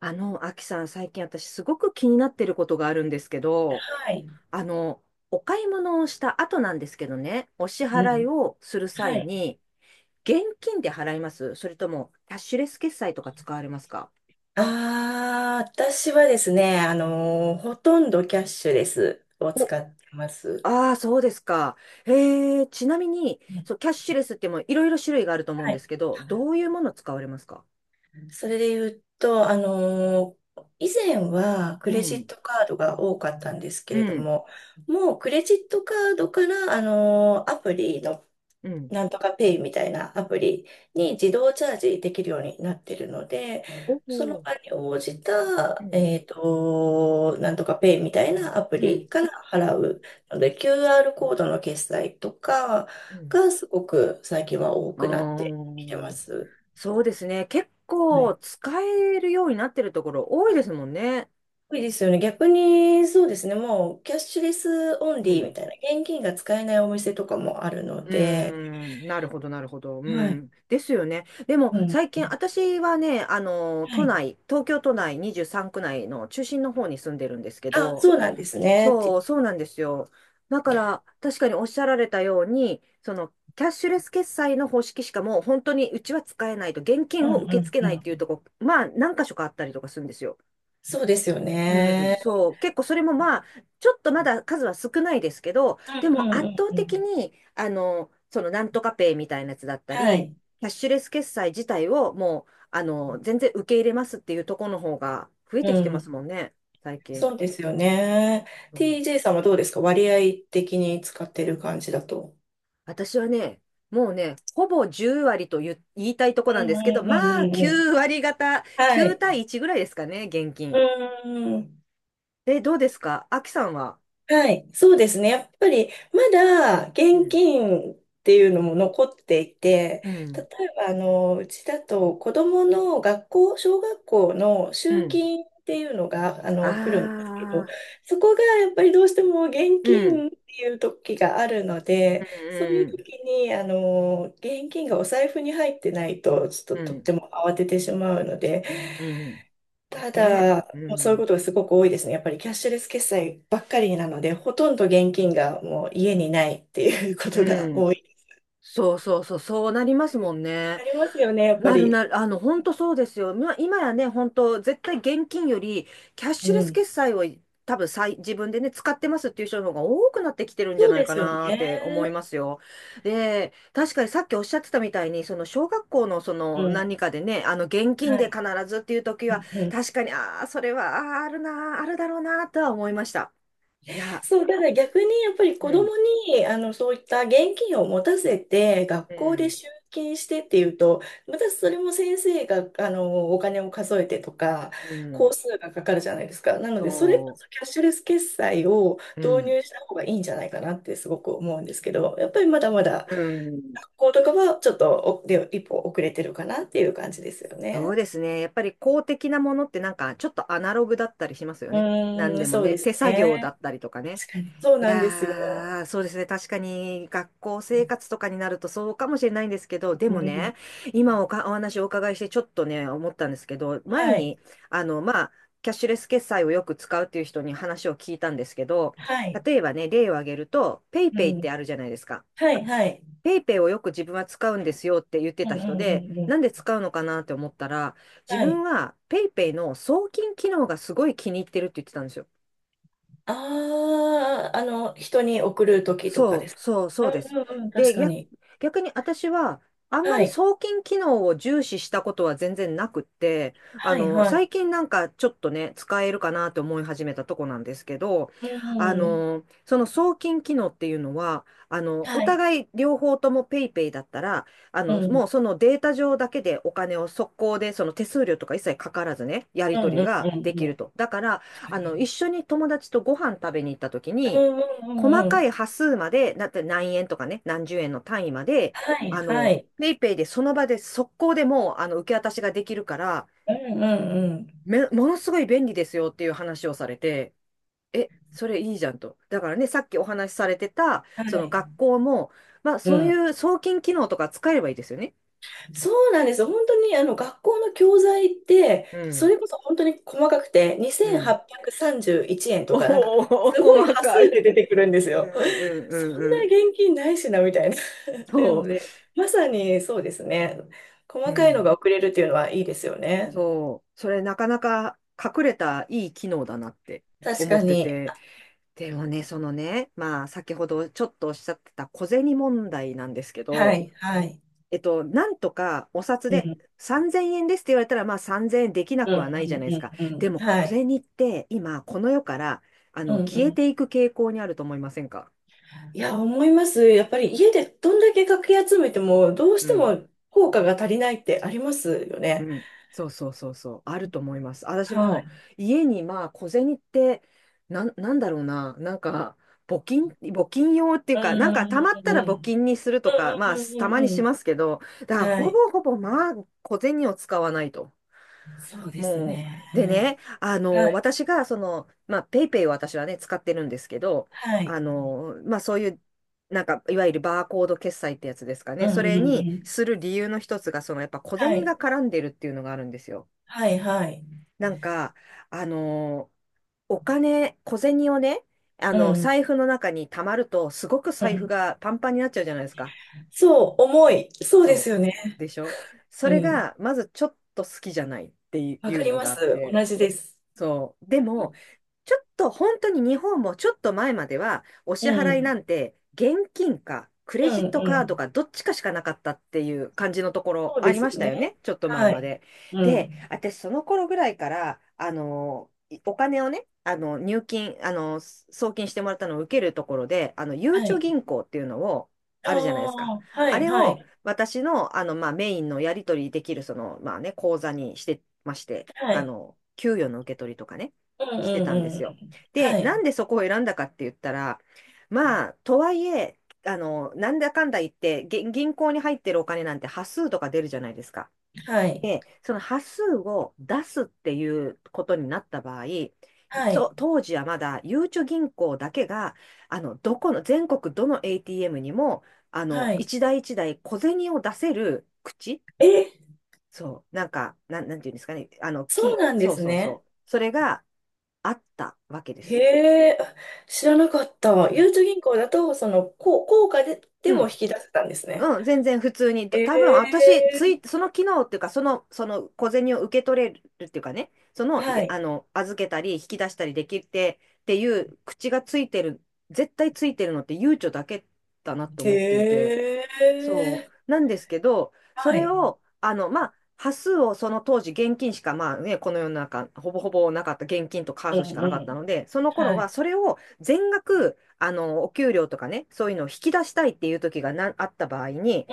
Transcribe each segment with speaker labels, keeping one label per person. Speaker 1: アキさん、最近私すごく気になってることがあるんですけど、
Speaker 2: はい。
Speaker 1: あの、お買い物をした後なんですけどね、お支
Speaker 2: う
Speaker 1: 払い
Speaker 2: ん。
Speaker 1: をする
Speaker 2: は
Speaker 1: 際
Speaker 2: い。
Speaker 1: に、現金で払います？それとも、キャッシュレス決済とか使われますか？
Speaker 2: ああ、私はですね、ほとんどキャッシュレスを
Speaker 1: お、
Speaker 2: 使ってます。
Speaker 1: ああ、そうですか。へえ、ちなみに、
Speaker 2: うん。
Speaker 1: そう、キャッシュレスってもいろいろ種類があると思うん
Speaker 2: は
Speaker 1: で
Speaker 2: い。
Speaker 1: すけど、どういうもの使われますか？
Speaker 2: それで言うと、以前はク
Speaker 1: う
Speaker 2: レジッ
Speaker 1: ん、
Speaker 2: トカードが多かったんですけ
Speaker 1: う
Speaker 2: れど
Speaker 1: ん、
Speaker 2: も、もうクレジットカードから、アプリの
Speaker 1: うん。
Speaker 2: なんとかペイみたいなアプリに自動チャージできるようになってるので、
Speaker 1: お
Speaker 2: その
Speaker 1: お、
Speaker 2: 場に応じ
Speaker 1: う
Speaker 2: た、
Speaker 1: ん、
Speaker 2: なんとかペイみたいなアプ
Speaker 1: う
Speaker 2: リ
Speaker 1: ん、
Speaker 2: から払うので、QR コードの決済とか
Speaker 1: うん。
Speaker 2: がすごく最近は多
Speaker 1: あ
Speaker 2: くなってきてま
Speaker 1: ー
Speaker 2: す。
Speaker 1: そうですね。結
Speaker 2: は
Speaker 1: 構
Speaker 2: い。
Speaker 1: 使えるようになってるところ多いですもんね。
Speaker 2: 多いですよね。逆に、そうですね。もう、キャッシュレスオン
Speaker 1: う
Speaker 2: リーみ
Speaker 1: ん。
Speaker 2: たいな、現金が使えないお店とかもある
Speaker 1: う
Speaker 2: の
Speaker 1: ー
Speaker 2: で、
Speaker 1: ん。なるほど、なるほど。う
Speaker 2: はい。
Speaker 1: ん。ですよね。でも
Speaker 2: うん。
Speaker 1: 最近私はね、あの、
Speaker 2: は
Speaker 1: 都
Speaker 2: い。
Speaker 1: 内、東京都内23区内の中心の方に住んでるんですけ
Speaker 2: あ、
Speaker 1: ど、
Speaker 2: そうなんですね。
Speaker 1: そう、そうなんですよ。だから確かにおっしゃられたように、その、キャッシュレス決済の方式しかもう本当にうちは使えないと、現
Speaker 2: う
Speaker 1: 金
Speaker 2: ん
Speaker 1: を受け
Speaker 2: う
Speaker 1: 付け
Speaker 2: んう
Speaker 1: ないっていう
Speaker 2: ん。
Speaker 1: とこ、まあ何箇所かあったりとかするんですよ。
Speaker 2: そうですよ
Speaker 1: うん、
Speaker 2: ね。
Speaker 1: そう、結構それもまあ、ちょっとまだ数は少ないですけど、
Speaker 2: う
Speaker 1: でも
Speaker 2: んう
Speaker 1: 圧
Speaker 2: ん
Speaker 1: 倒
Speaker 2: うんう
Speaker 1: 的
Speaker 2: ん。
Speaker 1: に、そのなんとかペイみたいなやつだった
Speaker 2: は
Speaker 1: り、
Speaker 2: い。
Speaker 1: キャッシュレス決済自体をもう、全然受け入れますっていうところの方が増え
Speaker 2: う
Speaker 1: てきてます
Speaker 2: ん。
Speaker 1: もんね、最近。
Speaker 2: そうですよね。
Speaker 1: そう
Speaker 2: TJ さんはどうですか、割合的に使ってる感じだと。
Speaker 1: 私はね、もうね、ほぼ10割と言いたいとこなん
Speaker 2: うん
Speaker 1: ですけど、
Speaker 2: うんうん
Speaker 1: ま
Speaker 2: う
Speaker 1: あ、
Speaker 2: んうん。
Speaker 1: 9割方、
Speaker 2: は
Speaker 1: 9
Speaker 2: い。
Speaker 1: 対1ぐらいですかね、現
Speaker 2: う
Speaker 1: 金。
Speaker 2: ん。
Speaker 1: で、どうですかアキさんは。
Speaker 2: はい、そうですね。やっぱりまだ
Speaker 1: う
Speaker 2: 現
Speaker 1: ん。
Speaker 2: 金っていうのも残っていて、
Speaker 1: う
Speaker 2: 例
Speaker 1: ん。
Speaker 2: えばあのうちだと子どもの学校、小学校の
Speaker 1: う
Speaker 2: 集
Speaker 1: ん。
Speaker 2: 金っていうのがあ
Speaker 1: あ
Speaker 2: の来るんですけど、
Speaker 1: あ。
Speaker 2: そこがやっぱりどうしても現
Speaker 1: うん、
Speaker 2: 金っていう時があるので、そうい
Speaker 1: う
Speaker 2: う
Speaker 1: ん、
Speaker 2: 時にあの現金がお財布に入ってないとちょっ
Speaker 1: う
Speaker 2: ととっ
Speaker 1: ん、
Speaker 2: ても慌ててしまうので、
Speaker 1: うん、うん
Speaker 2: た
Speaker 1: ね、
Speaker 2: だ、
Speaker 1: う
Speaker 2: もうそういうこ
Speaker 1: ん、
Speaker 2: とがすごく多いですね。やっぱりキャッシュレス決済ばっかりなので、ほとんど現金がもう家にないっていうことが
Speaker 1: うん。
Speaker 2: 多い。
Speaker 1: そうそうそう、そうなりますもんね。
Speaker 2: ありますよね、やっぱ
Speaker 1: なるな
Speaker 2: り。
Speaker 1: る、あの、本当そうですよ。ま、今やね、本当絶対現金より、キャッ
Speaker 2: う
Speaker 1: シュレス
Speaker 2: ん。
Speaker 1: 決済を多分さい、自分でね、使ってますっていう人の方が多くなってきてるんじゃ
Speaker 2: そう
Speaker 1: ない
Speaker 2: で
Speaker 1: か
Speaker 2: すよ
Speaker 1: なって思い
Speaker 2: ね。
Speaker 1: ますよ。で、確かにさっきおっしゃってたみたいに、その小学校のそ
Speaker 2: う
Speaker 1: の
Speaker 2: ん。
Speaker 1: 何かでね、あの、現金
Speaker 2: は
Speaker 1: で必
Speaker 2: い。
Speaker 1: ずっていう時
Speaker 2: う
Speaker 1: は、
Speaker 2: んうん。
Speaker 1: 確かに、ああ、それは、あーあるなー、あるだろうなーとは思いました。いや、
Speaker 2: そう、ただ逆にやっぱり
Speaker 1: う
Speaker 2: 子供
Speaker 1: ん、
Speaker 2: にあのそういった現金を持たせて学
Speaker 1: う
Speaker 2: 校で
Speaker 1: ん、
Speaker 2: 集金してっていうと、またそれも先生があのお金を数えてとか、
Speaker 1: う
Speaker 2: 工
Speaker 1: ん、
Speaker 2: 数がかかるじゃないですか。なので、それこ
Speaker 1: そ
Speaker 2: そキャッシュレス決済を
Speaker 1: う、う
Speaker 2: 導
Speaker 1: ん、
Speaker 2: 入した方がいいんじゃないかなってすごく思うんですけど、やっぱりまだまだ
Speaker 1: うん、
Speaker 2: 学校とかはちょっとおで一歩遅れてるかなっていう感じですよ
Speaker 1: そう
Speaker 2: ね。
Speaker 1: ですね。やっぱり公的なものってなんかちょっとアナログだったりしますよ
Speaker 2: う
Speaker 1: ね。なん
Speaker 2: ー
Speaker 1: で
Speaker 2: ん、
Speaker 1: も
Speaker 2: そう
Speaker 1: ね、
Speaker 2: です
Speaker 1: 手作業だ
Speaker 2: ね。
Speaker 1: ったりとかね。
Speaker 2: 確かに。そう
Speaker 1: い
Speaker 2: なんですよ。
Speaker 1: やー、そうですね。確かに学校生活とかになるとそうかもしれないんですけど、
Speaker 2: う
Speaker 1: でも
Speaker 2: ん、
Speaker 1: ね、今おか、お話をお伺いしてちょっとね、思ったんですけど、前
Speaker 2: はい。
Speaker 1: に、あの、まあ、キャッシュレス決済をよく使うっていう人に話を聞いたんですけど、
Speaker 2: はい。
Speaker 1: 例えばね、例を挙げると、ペイ
Speaker 2: う
Speaker 1: ペイっ
Speaker 2: ん。
Speaker 1: てあるじゃないですか。
Speaker 2: はい、はい。
Speaker 1: ペイペイをよく自分は使うんですよって言って
Speaker 2: うん、
Speaker 1: た
Speaker 2: う
Speaker 1: 人
Speaker 2: ん、うん、
Speaker 1: で、
Speaker 2: う
Speaker 1: な
Speaker 2: ん。
Speaker 1: んで使うのかなって思ったら、自
Speaker 2: は
Speaker 1: 分
Speaker 2: い。
Speaker 1: はペイペイの送金機能がすごい気に入ってるって言ってたんですよ。
Speaker 2: ああ、あの、人に送るときとかで
Speaker 1: そう、
Speaker 2: す。
Speaker 1: そう、そ
Speaker 2: う
Speaker 1: うです。
Speaker 2: ん、うん、うん、確
Speaker 1: で、
Speaker 2: かに。
Speaker 1: 逆に私は、あんま
Speaker 2: は
Speaker 1: り
Speaker 2: い、
Speaker 1: 送金機能を重視したことは全然なくって、あ
Speaker 2: はい、
Speaker 1: の、
Speaker 2: は
Speaker 1: 最
Speaker 2: い。
Speaker 1: 近なんかちょっとね、使えるかなと思い始めたとこなんですけど、
Speaker 2: う
Speaker 1: あ
Speaker 2: ん、
Speaker 1: の、その送金機能っていうのは、あの、お
Speaker 2: はい。
Speaker 1: 互い両方とも PayPay だったら、あ
Speaker 2: う
Speaker 1: の、も
Speaker 2: ん、
Speaker 1: うそのデータ上だけでお金を速攻で、その手数料とか一切かからずね、や
Speaker 2: う
Speaker 1: り
Speaker 2: ん、
Speaker 1: 取り
Speaker 2: うん、う
Speaker 1: が
Speaker 2: ん、うん。
Speaker 1: できると。だから、
Speaker 2: 確か
Speaker 1: あの、
Speaker 2: に。
Speaker 1: 一緒に友達とご飯食べに行った時
Speaker 2: う
Speaker 1: に、
Speaker 2: ん、うん、う
Speaker 1: 細
Speaker 2: ん、う
Speaker 1: かい
Speaker 2: ん。
Speaker 1: 端数まで、だって何円とかね、何十円の単位まで、
Speaker 2: はい、
Speaker 1: あ
Speaker 2: は
Speaker 1: の、
Speaker 2: い。
Speaker 1: ペイペイでその場で速攻でもう、あの、受け渡しができるから、
Speaker 2: うん、うん、うん。
Speaker 1: ものすごい便利ですよっていう話をされて、え、それいいじゃんと。だからね、さっきお話しされてた、
Speaker 2: は
Speaker 1: その
Speaker 2: い。
Speaker 1: 学校も、まあ、
Speaker 2: う
Speaker 1: そうい
Speaker 2: ん。
Speaker 1: う送金機能とか使えばいいですよね。
Speaker 2: そうなんです。本当にあの学校の教材って、
Speaker 1: う
Speaker 2: そ
Speaker 1: ん、
Speaker 2: れこそ本当に細かくて、
Speaker 1: うん。
Speaker 2: 2831円と
Speaker 1: お
Speaker 2: か、なんか、
Speaker 1: お、
Speaker 2: すごい
Speaker 1: 細
Speaker 2: 端
Speaker 1: か
Speaker 2: 数
Speaker 1: い。
Speaker 2: で出てくるんです
Speaker 1: うん、う
Speaker 2: よ。
Speaker 1: ん、う
Speaker 2: そんな
Speaker 1: ん、うん。
Speaker 2: 現金ないしな、みたいな。っていうの
Speaker 1: そ
Speaker 2: で、まさにそうですね。
Speaker 1: う。う
Speaker 2: 細かいのが
Speaker 1: ん
Speaker 2: 送れるっていうのはいいですよね。
Speaker 1: そう、それなかなか隠れたいい機能だなって
Speaker 2: 確
Speaker 1: 思
Speaker 2: か
Speaker 1: って
Speaker 2: に。
Speaker 1: て、でもね、そのね、まあ先ほどちょっとおっしゃってた小銭問題なんですけ
Speaker 2: は
Speaker 1: ど、
Speaker 2: い、はい。
Speaker 1: えっと、なんとかお札
Speaker 2: う
Speaker 1: で
Speaker 2: ん、
Speaker 1: 3000円ですって言われたら、まあ3000円できな
Speaker 2: うん、
Speaker 1: く
Speaker 2: う
Speaker 1: はないじゃないですか。
Speaker 2: ん、うん、う
Speaker 1: で
Speaker 2: ん。
Speaker 1: も
Speaker 2: は
Speaker 1: 小
Speaker 2: い。
Speaker 1: 銭って今この世から
Speaker 2: うん、う
Speaker 1: 消え
Speaker 2: ん。
Speaker 1: ていく傾向にあると思いませんか？
Speaker 2: いや、思います。やっぱり家でどんだけかき集めても、どうし
Speaker 1: う
Speaker 2: て
Speaker 1: ん。
Speaker 2: も効果が足りないってありますよ
Speaker 1: う
Speaker 2: ね。
Speaker 1: ん、そうそうそうそう、あると思います。私
Speaker 2: はい。
Speaker 1: も
Speaker 2: う
Speaker 1: 家にまあ小銭ってなんだろうな、なんか募金
Speaker 2: ん。
Speaker 1: 用っていう
Speaker 2: うん
Speaker 1: か、なんかたまっ
Speaker 2: う
Speaker 1: たら募
Speaker 2: ん
Speaker 1: 金にするとか、まあ
Speaker 2: うん
Speaker 1: たまに
Speaker 2: うんう
Speaker 1: し
Speaker 2: ん。
Speaker 1: ますけど、だから
Speaker 2: は
Speaker 1: ほ
Speaker 2: い。
Speaker 1: ぼほぼまあ小銭を使わないと。
Speaker 2: そうです
Speaker 1: もう、で
Speaker 2: ね。
Speaker 1: ね、あ
Speaker 2: は
Speaker 1: の、
Speaker 2: い。
Speaker 1: 私が、その、まあ、ペイペイを私はね、使ってるんですけど、
Speaker 2: はい。
Speaker 1: あの、まあ、そういう、なんか、いわゆるバーコード決済ってやつですか
Speaker 2: う
Speaker 1: ね。
Speaker 2: ん
Speaker 1: そ
Speaker 2: うん
Speaker 1: れ
Speaker 2: う
Speaker 1: に
Speaker 2: ん。
Speaker 1: する理由の一つが、その、やっぱ小
Speaker 2: は
Speaker 1: 銭
Speaker 2: い。
Speaker 1: が絡んでるっていうのがあるんですよ。
Speaker 2: はいはい。
Speaker 1: なんか、あの、お金、小銭をね、あ
Speaker 2: う
Speaker 1: の、
Speaker 2: ん。
Speaker 1: 財布の中に溜まると、すごく
Speaker 2: う
Speaker 1: 財布
Speaker 2: ん。
Speaker 1: がパンパンになっちゃうじゃないですか。
Speaker 2: そう、重い。そうです
Speaker 1: そ
Speaker 2: よ
Speaker 1: う。
Speaker 2: ね。
Speaker 1: でしょ？そ
Speaker 2: う
Speaker 1: れ
Speaker 2: ん。
Speaker 1: が、まずちょっと好きじゃないって
Speaker 2: わ
Speaker 1: い
Speaker 2: か
Speaker 1: う
Speaker 2: り
Speaker 1: の
Speaker 2: ま
Speaker 1: があっ
Speaker 2: す。
Speaker 1: て、
Speaker 2: 同じです。
Speaker 1: そう。で
Speaker 2: う
Speaker 1: も、
Speaker 2: ん。
Speaker 1: ちょっと本当に日本もちょっと前までは、お
Speaker 2: う
Speaker 1: 支払いな
Speaker 2: ん
Speaker 1: んて現金かク
Speaker 2: う
Speaker 1: レジットカード
Speaker 2: ん。
Speaker 1: かどっちかしかなかったっていう感じのところ
Speaker 2: そう
Speaker 1: あ
Speaker 2: で
Speaker 1: り
Speaker 2: す
Speaker 1: まし
Speaker 2: よ
Speaker 1: たよ
Speaker 2: ね。
Speaker 1: ね、ちょっと前
Speaker 2: は
Speaker 1: ま
Speaker 2: い。
Speaker 1: で。
Speaker 2: う
Speaker 1: で、
Speaker 2: ん。
Speaker 1: 私その頃ぐらいから、あの、お金をね、あの、入金、あの、送金してもらったのを受けるところで、あの、ゆう
Speaker 2: は
Speaker 1: ちょ
Speaker 2: い。
Speaker 1: 銀行っていうのを、
Speaker 2: あ
Speaker 1: あるじゃないですか。
Speaker 2: あ、は
Speaker 1: あ
Speaker 2: い、
Speaker 1: れ
Speaker 2: は
Speaker 1: を
Speaker 2: い、
Speaker 1: 私の、あの、まあ、メインのやり取りできる、その、まあね、口座にしてまして、
Speaker 2: は
Speaker 1: あ
Speaker 2: い。
Speaker 1: の、給与の受け取りとかね、
Speaker 2: うん
Speaker 1: し
Speaker 2: う
Speaker 1: て
Speaker 2: ん
Speaker 1: た
Speaker 2: う
Speaker 1: んで
Speaker 2: んう
Speaker 1: すよ。
Speaker 2: ん。
Speaker 1: で、
Speaker 2: は
Speaker 1: な
Speaker 2: い、
Speaker 1: んでそこを選んだかって言ったら、まあ、とはいえ、あの、なんだかんだ言って、げ銀行に入ってるお金なんて端数とか出るじゃないですか。
Speaker 2: はい、
Speaker 1: で、その端数を出すっていうことになった場合、
Speaker 2: はい、
Speaker 1: そ当時はまだ、ゆうちょ銀行だけが、あの、どこの、全国どの ATM にも、あの、
Speaker 2: はい。
Speaker 1: 一台一台小銭を出せる口、
Speaker 2: え、
Speaker 1: そう、なんか、なんていうんですかね、
Speaker 2: そうなんで
Speaker 1: そう
Speaker 2: す
Speaker 1: そう
Speaker 2: ね。
Speaker 1: そう、それがあったわけです
Speaker 2: へ
Speaker 1: よ。
Speaker 2: え、あ、知らなかった。
Speaker 1: う
Speaker 2: ゆ
Speaker 1: ん。
Speaker 2: うちょ銀行だと、その、こう、効果で、
Speaker 1: う
Speaker 2: でも引
Speaker 1: ん。
Speaker 2: き出せたんですね。
Speaker 1: うん、全然普通に。
Speaker 2: へえ、
Speaker 1: 多分私、その機能っていうか、その、その小銭を受け取れるっていうかね、その、
Speaker 2: は
Speaker 1: いあ
Speaker 2: い。
Speaker 1: の、預けたり、引き出したりできてっていう口がついてる、絶対ついてるのってゆうちょだけだなと
Speaker 2: へ
Speaker 1: 思っていて。そ
Speaker 2: え、
Speaker 1: う。なんですけど、そ
Speaker 2: は
Speaker 1: れ
Speaker 2: い。
Speaker 1: を、端数を、その当時現金しか、まあね、この世の中、ほぼほぼなかった、現金とカー
Speaker 2: うん
Speaker 1: ドしかな
Speaker 2: う
Speaker 1: かった
Speaker 2: ん。
Speaker 1: ので、その頃
Speaker 2: は
Speaker 1: は
Speaker 2: い。
Speaker 1: それを全額、お給料とかね、そういうのを引き出したいっていう時があった場合に、
Speaker 2: う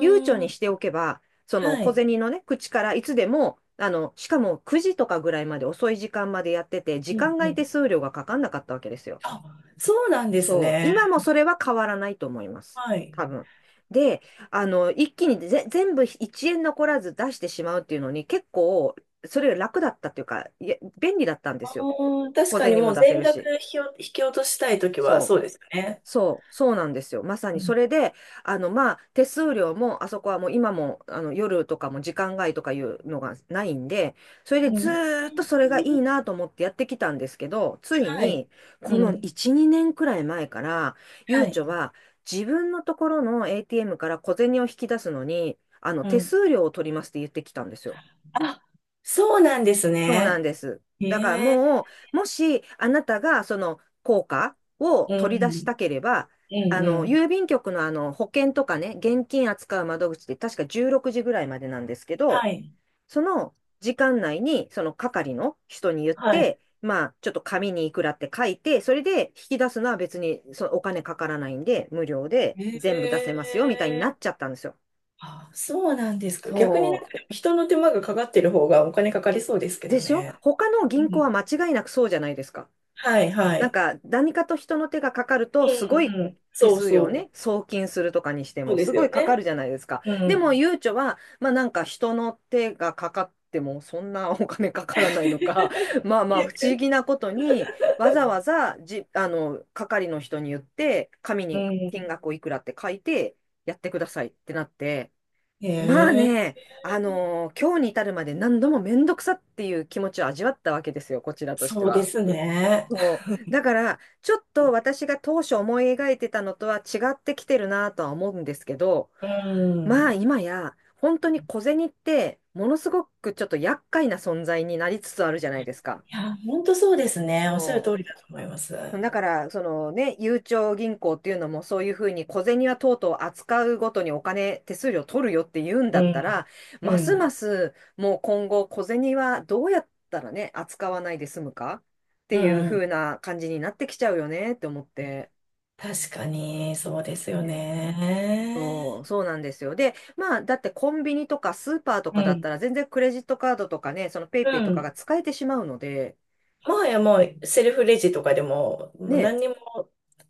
Speaker 1: 悠長
Speaker 2: ん、
Speaker 1: にしておけば、その
Speaker 2: は
Speaker 1: 小
Speaker 2: い。
Speaker 1: 銭のね、口からいつでも、しかも9時とかぐらいまで遅い時間までやってて、
Speaker 2: う
Speaker 1: 時
Speaker 2: ん
Speaker 1: 間
Speaker 2: う
Speaker 1: 外手
Speaker 2: ん。
Speaker 1: 数料がかかんなかったわけですよ。
Speaker 2: あ、そうなんです
Speaker 1: そう。今
Speaker 2: ね。
Speaker 1: もそれは変わらないと思います。
Speaker 2: はい。
Speaker 1: 多分。で、あの、一気に全部1円残らず出してしまうっていうのに結構、それより楽だったっていうか、いや便利だったんですよ。
Speaker 2: うん。確
Speaker 1: 小
Speaker 2: かに
Speaker 1: 銭
Speaker 2: も
Speaker 1: も
Speaker 2: う
Speaker 1: 出せ
Speaker 2: 全
Speaker 1: る
Speaker 2: 額
Speaker 1: し。
Speaker 2: 引き落としたいときは
Speaker 1: そう。
Speaker 2: そうですよね。
Speaker 1: そうなんですよ。まさ
Speaker 2: う
Speaker 1: にそ
Speaker 2: ん。
Speaker 1: れで、手数料も、あそこはもう今も、夜とかも時間外とかいうのがないんで、それで
Speaker 2: う
Speaker 1: ず
Speaker 2: ん。
Speaker 1: ーっとそれがいいなと思ってやってきたんですけど、つい
Speaker 2: は
Speaker 1: に、
Speaker 2: い。
Speaker 1: こ
Speaker 2: う
Speaker 1: の
Speaker 2: ん。
Speaker 1: 1、2年くらい前から、ゆう
Speaker 2: はい。
Speaker 1: ちょは自分のところの ATM から小銭を引き出すのに、
Speaker 2: う
Speaker 1: 手
Speaker 2: ん。
Speaker 1: 数料を取りますって言ってきたんですよ。
Speaker 2: あ、そうなんです
Speaker 1: そうなん
Speaker 2: ね。
Speaker 1: です。
Speaker 2: え
Speaker 1: だから
Speaker 2: え。
Speaker 1: もしあなたがその効果を
Speaker 2: う
Speaker 1: 取り出し
Speaker 2: ん。
Speaker 1: たければ、
Speaker 2: うんうん。
Speaker 1: 郵便局のあの保険とかね、現金扱う窓口で確か16時ぐらいまでなんですけど、
Speaker 2: はい。
Speaker 1: その時間内にその係の人に言っ
Speaker 2: はい。
Speaker 1: て、まあ、ちょっと紙にいくらって書いて、それで引き出すのは別にそのお金かからないんで、無料で全部出せ
Speaker 2: え
Speaker 1: ますよみたいに
Speaker 2: え。
Speaker 1: なっちゃったんですよ。
Speaker 2: あ、そうなんですか。逆になん
Speaker 1: そ
Speaker 2: か人の手間がかかってる方がお金かかりそうです
Speaker 1: う。
Speaker 2: けど
Speaker 1: でしょ？
Speaker 2: ね。
Speaker 1: 他の
Speaker 2: う
Speaker 1: 銀行は
Speaker 2: ん。
Speaker 1: 間違いなくそうじゃないですか。
Speaker 2: はいは
Speaker 1: なん
Speaker 2: い。
Speaker 1: か何かと人の手がかかる
Speaker 2: う
Speaker 1: とすごい
Speaker 2: んうん。
Speaker 1: 手
Speaker 2: そう
Speaker 1: 数料
Speaker 2: そ
Speaker 1: ね、
Speaker 2: う。
Speaker 1: 送金するとかにして
Speaker 2: そう
Speaker 1: も
Speaker 2: で
Speaker 1: す
Speaker 2: す
Speaker 1: ご
Speaker 2: よ
Speaker 1: いかか
Speaker 2: ね。
Speaker 1: るじゃないですか。
Speaker 2: う
Speaker 1: でも
Speaker 2: ん。
Speaker 1: ゆうちょは、まあなんか人の手がかかってもそんなお金かからないのか、まあ まあ不思
Speaker 2: 逆。
Speaker 1: 議なことにわざわざじ、あの、係の人に言って紙
Speaker 2: う
Speaker 1: に金
Speaker 2: ん。
Speaker 1: 額をいくらって書いてやってくださいってなって、
Speaker 2: え
Speaker 1: まあね、
Speaker 2: え、
Speaker 1: あの今日に至るまで何度もめんどくさっていう気持ちを味わったわけですよ、こちらとして
Speaker 2: そうで
Speaker 1: は。
Speaker 2: すね。
Speaker 1: そう。だから、ちょっと私が当初思い描いてたのとは違ってきてるなとは思うんですけど、
Speaker 2: う
Speaker 1: まあ
Speaker 2: ん。
Speaker 1: 今や、本当に小銭って、ものすごくちょっと厄介な存在になりつつあるじゃないですか。
Speaker 2: いや、本当そうですね。おっしゃる
Speaker 1: そ
Speaker 2: 通り
Speaker 1: う、
Speaker 2: だと思います。
Speaker 1: だから、そのね、ゆうちょ銀行っていうのもそういうふうに小銭はとうとう扱うごとにお金、手数料取るよって言うんだ
Speaker 2: う
Speaker 1: った
Speaker 2: ん。
Speaker 1: ら、ま
Speaker 2: う
Speaker 1: すま
Speaker 2: ん。
Speaker 1: すもう今後小銭はどうやったらね、扱わないで済むかって
Speaker 2: う
Speaker 1: いう
Speaker 2: ん。
Speaker 1: ふ
Speaker 2: う
Speaker 1: う
Speaker 2: ん、
Speaker 1: な感じになってきちゃうよねって思って。
Speaker 2: 確かに、そうですよ
Speaker 1: ね。
Speaker 2: ね。
Speaker 1: そうなんですよ。で、まあ、だってコンビニとかスーパーと
Speaker 2: う
Speaker 1: かだっ
Speaker 2: ん。
Speaker 1: たら全然クレジットカードとかね、そのペイ
Speaker 2: う
Speaker 1: ペイとかが
Speaker 2: ん。
Speaker 1: 使えてしまうので、
Speaker 2: もはやもう、セルフレジとかでも、もう何
Speaker 1: ね、
Speaker 2: にも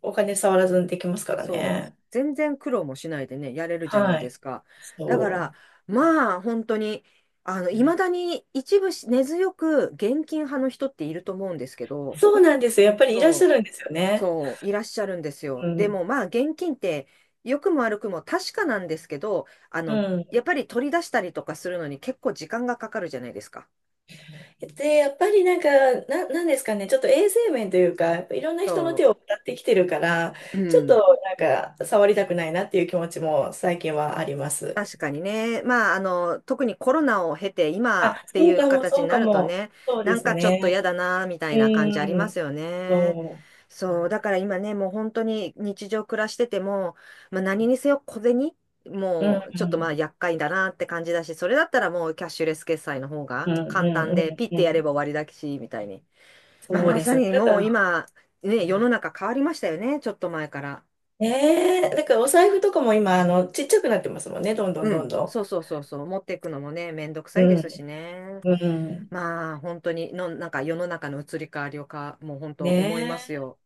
Speaker 2: お金触らずにできますから
Speaker 1: そう。
Speaker 2: ね。
Speaker 1: 全然苦労もしないでね、やれるじゃない
Speaker 2: は
Speaker 1: で
Speaker 2: い。
Speaker 1: すか。だか
Speaker 2: そ
Speaker 1: ら、まあ、本当に、いまだ
Speaker 2: う。
Speaker 1: に一部根強く現金派の人っていると思うんですけど、
Speaker 2: そうなんですよ。やっぱりいらっしゃ
Speaker 1: そう、
Speaker 2: るんですよね。
Speaker 1: そう、いらっしゃるんです
Speaker 2: う
Speaker 1: よ。で
Speaker 2: ん。
Speaker 1: も、まあ、現金って、良くも悪くも確かなんですけど、
Speaker 2: う
Speaker 1: や
Speaker 2: ん。
Speaker 1: っぱり取り出したりとかするのに結構時間がかかるじゃないですか。
Speaker 2: で、やっぱりなんか、なんですかね、ちょっと衛生面というか、やっぱいろんな人の
Speaker 1: そ
Speaker 2: 手を渡ってきてるから、
Speaker 1: う、う
Speaker 2: ちょっ
Speaker 1: ん。
Speaker 2: となんか、触りたくないなっていう気持ちも最近はあります。
Speaker 1: 確かにね。まあ、特にコロナを経て今
Speaker 2: あ、
Speaker 1: って
Speaker 2: そ
Speaker 1: い
Speaker 2: う
Speaker 1: う
Speaker 2: かも、
Speaker 1: 形
Speaker 2: そ
Speaker 1: に
Speaker 2: う
Speaker 1: な
Speaker 2: か
Speaker 1: ると
Speaker 2: も。
Speaker 1: ね、
Speaker 2: そう
Speaker 1: な
Speaker 2: で
Speaker 1: ん
Speaker 2: す
Speaker 1: かちょっと嫌
Speaker 2: ね。
Speaker 1: だな、みた
Speaker 2: う
Speaker 1: いな感じあります
Speaker 2: ん。
Speaker 1: よね。
Speaker 2: そ
Speaker 1: そう、だから今ね、もう本当に日常暮らしてても、まあ、何にせよ小銭、
Speaker 2: う。うん、
Speaker 1: もうちょっ
Speaker 2: う
Speaker 1: とまあ
Speaker 2: ん、
Speaker 1: 厄介だなって感じだし、それだったらもうキャッシュレス決済の方
Speaker 2: う
Speaker 1: が
Speaker 2: ん、うん、
Speaker 1: 簡単
Speaker 2: う
Speaker 1: で、ピッ
Speaker 2: ん。う
Speaker 1: てやれ
Speaker 2: ん。
Speaker 1: ば終わりだし、みたいに。まあ、
Speaker 2: そう
Speaker 1: ま
Speaker 2: で
Speaker 1: さ
Speaker 2: すよ。
Speaker 1: に
Speaker 2: だか
Speaker 1: もう
Speaker 2: ら、
Speaker 1: 今、ね、世の中変わりましたよね、ちょっと前から。
Speaker 2: ねえ、だからお財布とかも今、あの、ちっちゃくなってますもんね、どんどん
Speaker 1: う
Speaker 2: どん
Speaker 1: ん、そ
Speaker 2: ど
Speaker 1: うそうそうそう、持っていくのもね、めんどくさいですし
Speaker 2: ん。
Speaker 1: ね。
Speaker 2: うん、うん。
Speaker 1: まあ、本当になんか世の中の移り変わりをもう本当思い
Speaker 2: ね
Speaker 1: ますよ。